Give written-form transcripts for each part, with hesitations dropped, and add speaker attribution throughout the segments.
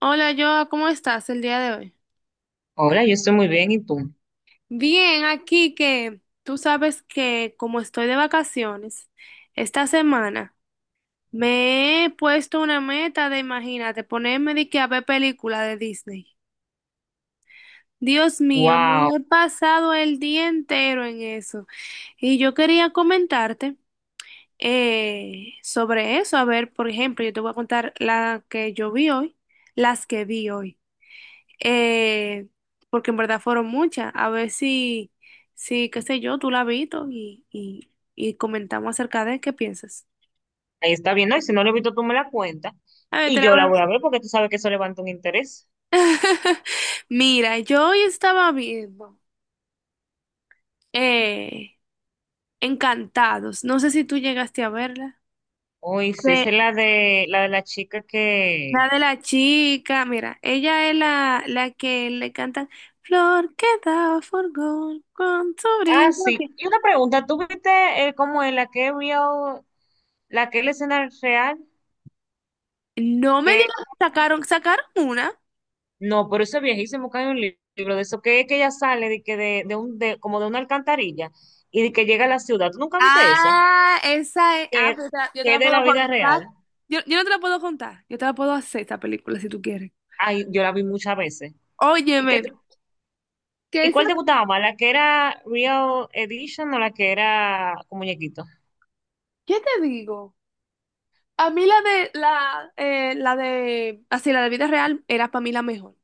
Speaker 1: Hola, Joa, ¿cómo estás el día de hoy?
Speaker 2: Hola, yo estoy muy bien, ¿y tú?
Speaker 1: Bien, aquí que tú sabes que como estoy de vacaciones, esta semana me he puesto una meta de, imagínate, ponerme de que a ver película de Disney. Dios mío,
Speaker 2: Wow,
Speaker 1: me he pasado el día entero en eso. Y yo quería comentarte sobre eso. A ver, por ejemplo, yo te voy a contar la que yo vi hoy, las que vi hoy. eh, Porque en verdad fueron muchas. A ver si, qué sé yo, tú la has visto y comentamos acerca de qué piensas.
Speaker 2: ahí está bien, ¿no? Y si no lo he visto, tú me la cuentas
Speaker 1: A ver, te
Speaker 2: y
Speaker 1: la
Speaker 2: yo
Speaker 1: voy
Speaker 2: la
Speaker 1: a-
Speaker 2: voy a ver porque tú sabes que eso levanta un interés.
Speaker 1: Mira, yo hoy estaba viendo eh, Encantados. No sé si tú llegaste a verla.
Speaker 2: Uy, sí, esa es
Speaker 1: De,
Speaker 2: la de la chica que.
Speaker 1: de la chica, mira, ella es la que le cantan flor que da forgón con tu
Speaker 2: Ah,
Speaker 1: brillo. Que-.
Speaker 2: sí. Y una pregunta, ¿tú viste cómo es la que es real, la que es la escena real?
Speaker 1: No me
Speaker 2: Que
Speaker 1: digas, sacaron una.
Speaker 2: no, pero eso es viejísimo, que hay un libro de eso, que es que ella sale de como de una alcantarilla y de que llega a la ciudad. ¿Tú nunca viste esa?
Speaker 1: Ah, esa es. Ah,
Speaker 2: Que,
Speaker 1: pero yo te
Speaker 2: que
Speaker 1: la
Speaker 2: es de
Speaker 1: puedo
Speaker 2: la vida
Speaker 1: contar.
Speaker 2: real.
Speaker 1: Yo no te la puedo contar. Yo te la puedo hacer esa película si tú quieres.
Speaker 2: Ay, yo la vi muchas veces. ¿Y,
Speaker 1: Óyeme, que
Speaker 2: y
Speaker 1: esa,
Speaker 2: cuál te gustaba más? ¿La que era Real Edition o la que era con muñequito?
Speaker 1: ¿qué te digo? A mí la de así, la de vida real era para mí la mejor.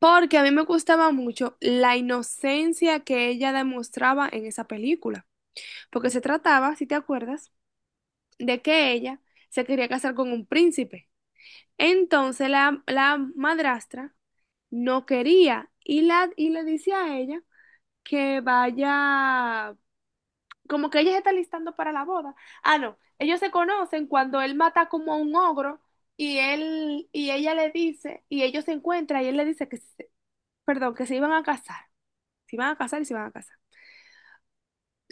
Speaker 1: Porque a mí me gustaba mucho la inocencia que ella demostraba en esa película. Porque se trataba, si te acuerdas, de que ella se quería casar con un príncipe. Entonces la madrastra no quería y le dice a ella que vaya, como que ella se está listando para la boda. Ah, no, ellos se conocen cuando él mata como a un ogro y él y ella le dice y ellos se encuentran y él le dice perdón, que se iban a casar, se iban a casar y se iban a casar.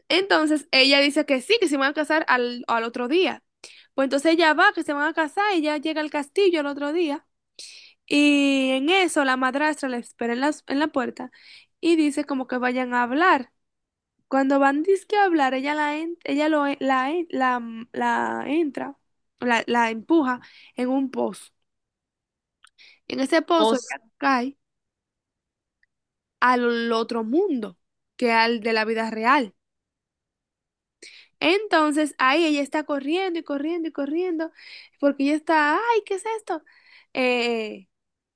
Speaker 1: Entonces ella dice que sí, que se iban a casar al otro día. Pues entonces ella va, que se van a casar, ella llega al castillo el otro día. Y en eso la madrastra la espera en la puerta y dice como que vayan a hablar. Cuando van dizque a hablar, ella la en- ella lo en- la, mm, la entra, la empuja en un pozo. En ese
Speaker 2: O
Speaker 1: pozo
Speaker 2: sí,
Speaker 1: ella cae al otro mundo, que al de la vida real. Entonces ahí ella está corriendo y corriendo y corriendo, porque ella está, ay, ¿qué es esto? Eh,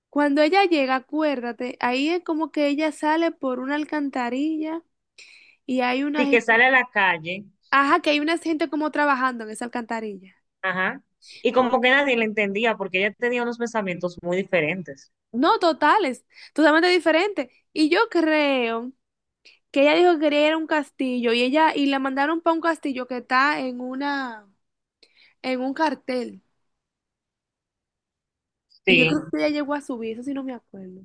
Speaker 1: Cuando ella llega, acuérdate, ahí es como que ella sale por una alcantarilla. Y hay una
Speaker 2: que
Speaker 1: gente,
Speaker 2: sale a la calle,
Speaker 1: ajá, que hay una gente como trabajando en esa alcantarilla.
Speaker 2: ajá. Y
Speaker 1: O-
Speaker 2: como que nadie la entendía porque ella tenía unos pensamientos muy diferentes.
Speaker 1: No, totales, totalmente diferente. Y yo creo que ella dijo que quería ir a un castillo y ella y la mandaron para un castillo que está en una en un cartel. Y yo
Speaker 2: Sí.
Speaker 1: creo que ella llegó a subir, eso sí no me acuerdo.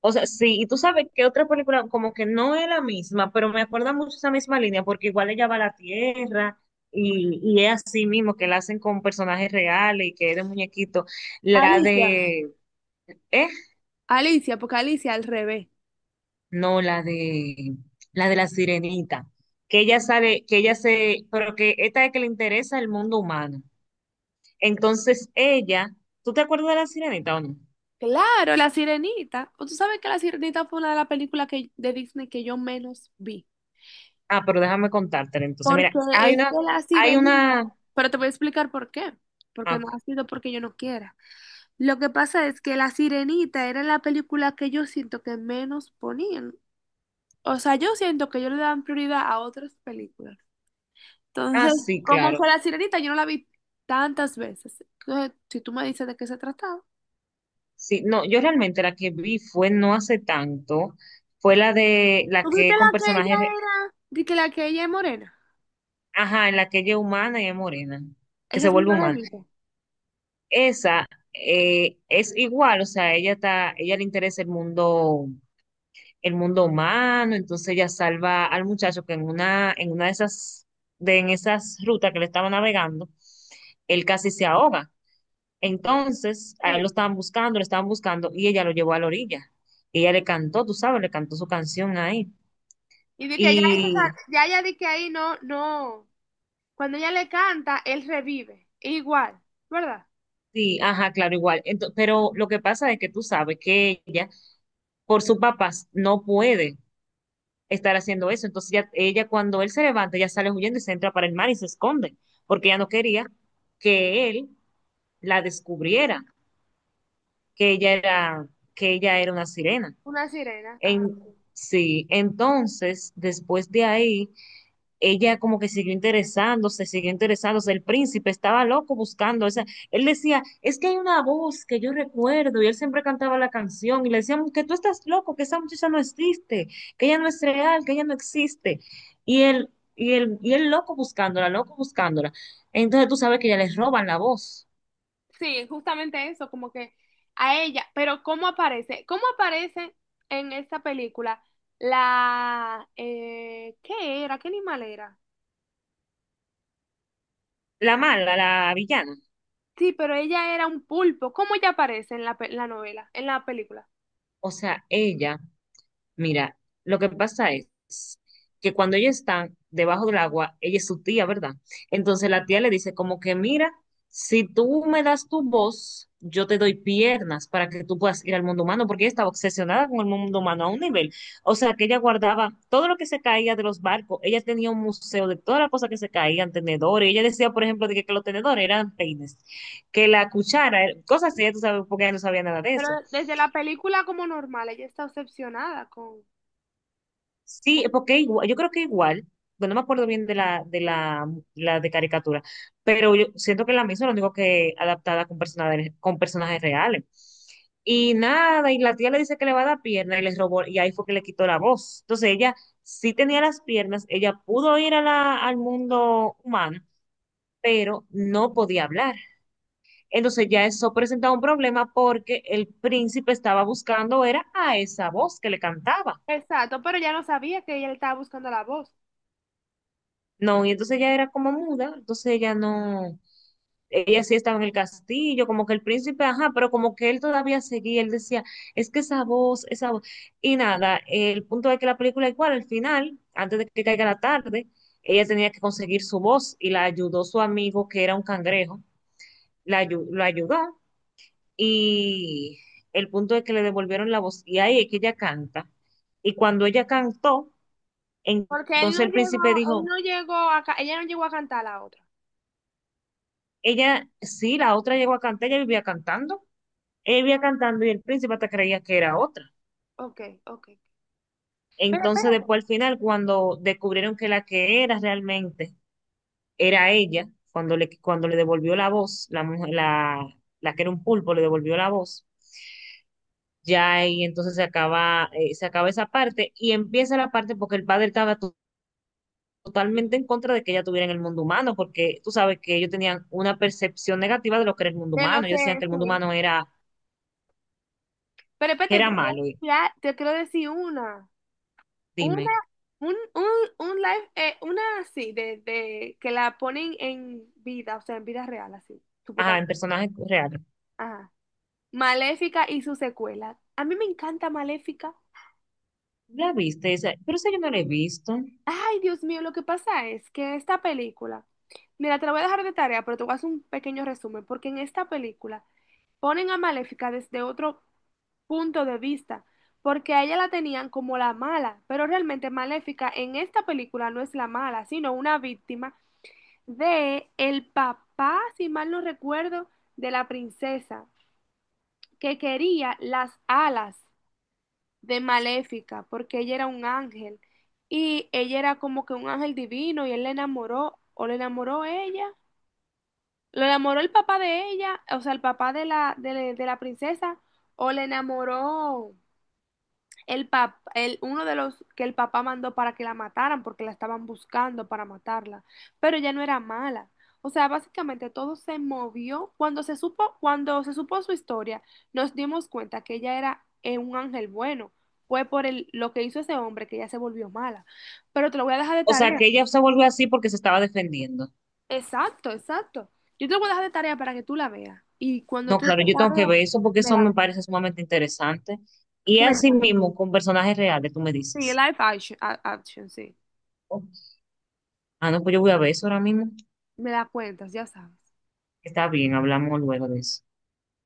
Speaker 2: O sea, sí, y tú sabes que otra película como que no es la misma, pero me acuerda mucho esa misma línea porque igual ella va a la tierra y es así mismo que la hacen con personajes reales y que es de muñequito. La
Speaker 1: Alicia.
Speaker 2: de... ¿Eh?
Speaker 1: Alicia, porque Alicia al revés.
Speaker 2: No, la de la sirenita, que ella sale, que ella se, pero que esta es que le interesa el mundo humano. Entonces ella, ¿tú te acuerdas de la sirenita o no?
Speaker 1: Claro, la sirenita. O tú sabes que la sirenita fue una de las películas que, de Disney que yo menos vi.
Speaker 2: Ah, pero déjame contártela. Entonces,
Speaker 1: Porque
Speaker 2: mira, hay
Speaker 1: es que
Speaker 2: una,
Speaker 1: la
Speaker 2: hay
Speaker 1: sirenita,
Speaker 2: una,
Speaker 1: pero te voy a explicar por qué.
Speaker 2: ah,
Speaker 1: Porque no
Speaker 2: ok.
Speaker 1: ha sido porque yo no quiera. Lo que pasa es que la sirenita era la película que yo siento que menos ponían. O sea, yo siento que ellos le dan prioridad a otras películas.
Speaker 2: Ah,
Speaker 1: Entonces,
Speaker 2: sí,
Speaker 1: como
Speaker 2: claro.
Speaker 1: que la sirenita yo no la vi tantas veces. Entonces, si tú me dices de qué se trataba.
Speaker 2: Sí, no, yo realmente la que vi fue no hace tanto, fue la de
Speaker 1: ¿Tú
Speaker 2: la
Speaker 1: viste
Speaker 2: que
Speaker 1: la
Speaker 2: con
Speaker 1: que ella
Speaker 2: personajes, re-
Speaker 1: era? De que la que ella es morena.
Speaker 2: ajá, en la que ella es humana y es morena, que se
Speaker 1: Esa sí
Speaker 2: vuelve
Speaker 1: no la he
Speaker 2: humana.
Speaker 1: visto.
Speaker 2: Esa es igual, o sea, ella está, ella le interesa el mundo humano, entonces ella salva al muchacho que en una de esas, de en esas rutas que le estaba navegando, él casi se ahoga. Entonces, a él
Speaker 1: Sí.
Speaker 2: lo estaban buscando, y ella lo llevó a la orilla. Y ella le cantó, tú sabes, le cantó su canción ahí.
Speaker 1: Y de que ya, esa-
Speaker 2: Y
Speaker 1: ya, ya de que ahí no, no. Cuando ella le canta, él revive. Igual, ¿verdad?
Speaker 2: sí, ajá, claro, igual. Ento- pero lo que pasa es que tú sabes que ella, por sus papás, no puede estar haciendo eso. Entonces ya, ella cuando él se levanta, ya sale huyendo y se entra para el mar y se esconde, porque ella no quería que él la descubriera, que ella era, que ella era una sirena.
Speaker 1: Una sirena. Ajá.
Speaker 2: En, sí, entonces después de ahí ella como que siguió interesándose, el príncipe estaba loco buscando, esa él decía, es que hay una voz que yo recuerdo, y él siempre cantaba la canción, y le decían que tú estás loco, que esa muchacha no existe, que ella no es real, que ella no existe, y él loco buscándola, entonces tú sabes que ya les roban la voz,
Speaker 1: Sí, justamente eso, como que a ella. Pero ¿cómo aparece? ¿Cómo aparece en esta película la... ¿qué era? ¿Qué animal era?
Speaker 2: la mala, la villana,
Speaker 1: Sí, pero ella era un pulpo. ¿Cómo ella aparece en la novela, en la película?
Speaker 2: o sea, ella mira, lo que pasa es que cuando ella está debajo del agua, ella es su tía, ¿verdad? Entonces la tía le dice como que, mira, si tú me das tu voz, yo te doy piernas para que tú puedas ir al mundo humano, porque ella estaba obsesionada con el mundo humano a un nivel. O sea, que ella guardaba todo lo que se caía de los barcos, ella tenía un museo de todas las cosas que se caían, tenedores, ella decía, por ejemplo, que los tenedores eran peines, que la cuchara, cosas así, ya tú sabes, porque ella no sabía nada de
Speaker 1: Pero
Speaker 2: eso.
Speaker 1: desde la película como normal, ella está obsesionada
Speaker 2: Sí,
Speaker 1: con-
Speaker 2: porque igua- yo creo que igual, bueno, no me acuerdo bien de la de caricatura, pero yo siento que la misma, lo único que adaptada con personajes reales. Y nada, y la tía le dice que le va a dar pierna y les robó, y ahí fue que le quitó la voz. Entonces ella sí tenía las piernas, ella pudo ir a la, al mundo humano, pero no podía hablar. Entonces ya eso presentaba un problema porque el príncipe estaba buscando, era a esa voz que le cantaba.
Speaker 1: Exacto, pero ella no sabía que ella le estaba buscando la voz.
Speaker 2: No, y entonces ella era como muda, entonces ella no, ella sí estaba en el castillo, como que el príncipe, ajá, pero como que él todavía seguía, él decía, es que esa voz, y nada, el punto es que la película igual, al final, antes de que caiga la tarde, ella tenía que conseguir su voz y la ayudó su amigo que era un cangrejo, la, ayu- lo ayudó y el punto es que le devolvieron la voz y ahí es que ella canta. Y cuando ella cantó,
Speaker 1: Porque
Speaker 2: entonces el príncipe
Speaker 1: él
Speaker 2: dijo,
Speaker 1: no llegó a, ca- ella no llegó a cantar la otra.
Speaker 2: ella, sí, la otra llegó a cantar, ella vivía cantando. Ella vivía cantando y el príncipe hasta creía que era otra.
Speaker 1: Ok, ok. Pero
Speaker 2: Entonces,
Speaker 1: espérate,
Speaker 2: después al final, cuando descubrieron que la que era realmente era ella, cuando le devolvió la voz, la, mujer- la que era un pulpo le devolvió la voz, ya ahí entonces se acaba esa parte y empieza la parte porque el padre estaba totalmente en contra de que ella estuviera en el mundo humano, porque tú sabes que ellos tenían una percepción negativa de lo que era el mundo
Speaker 1: de lo
Speaker 2: humano.
Speaker 1: que
Speaker 2: Ellos decían que el mundo
Speaker 1: sí.
Speaker 2: humano era,
Speaker 1: Pero
Speaker 2: que
Speaker 1: espérate,
Speaker 2: era malo.
Speaker 1: te quiero decir una. Una,
Speaker 2: Dime.
Speaker 1: un, un, un live, una así, de que la ponen en vida, o sea, en vida real, así,
Speaker 2: Ah, en
Speaker 1: supuestamente.
Speaker 2: personaje real.
Speaker 1: Ajá. Maléfica y su secuela. A mí me encanta Maléfica.
Speaker 2: ¿La viste? Esa- pero esa yo no la he visto.
Speaker 1: Ay, Dios mío, lo que pasa es que esta película, mira, te la voy a dejar de tarea, pero te voy a hacer un pequeño resumen, porque en esta película ponen a Maléfica desde otro punto de vista, porque a ella la tenían como la mala, pero realmente Maléfica en esta película no es la mala, sino una víctima de el papá, si mal no recuerdo, de la princesa, que quería las alas de Maléfica, porque ella era un ángel, y ella era como que un ángel divino, y él le enamoró, o le enamoró ella. ¿Lo enamoró el papá de ella, o sea, el papá de de la princesa, o le enamoró uno de los que el papá mandó para que la mataran, porque la estaban buscando para matarla, pero ella no era mala. O sea, básicamente todo se movió. Cuando se supo su historia, nos dimos cuenta que ella era un ángel bueno. Fue por el, lo que hizo ese hombre que ella se volvió mala. Pero te lo voy a dejar de
Speaker 2: O sea,
Speaker 1: tarea.
Speaker 2: que ella se volvió así porque se estaba defendiendo.
Speaker 1: Exacto, exacto. Yo te lo voy a dejar de tarea para que tú la veas. Y cuando
Speaker 2: No,
Speaker 1: tú
Speaker 2: claro,
Speaker 1: te
Speaker 2: yo tengo
Speaker 1: la
Speaker 2: que
Speaker 1: veas,
Speaker 2: ver eso porque
Speaker 1: me
Speaker 2: eso
Speaker 1: la
Speaker 2: me parece sumamente interesante. Y así
Speaker 1: cuentas.
Speaker 2: mismo, con personajes reales, tú me
Speaker 1: Sí,
Speaker 2: dices.
Speaker 1: live action, a- action, sí.
Speaker 2: Ok. Ah, no, pues yo voy a ver eso ahora mismo.
Speaker 1: Me la cuentas, ya sabes.
Speaker 2: Está bien, hablamos luego de eso.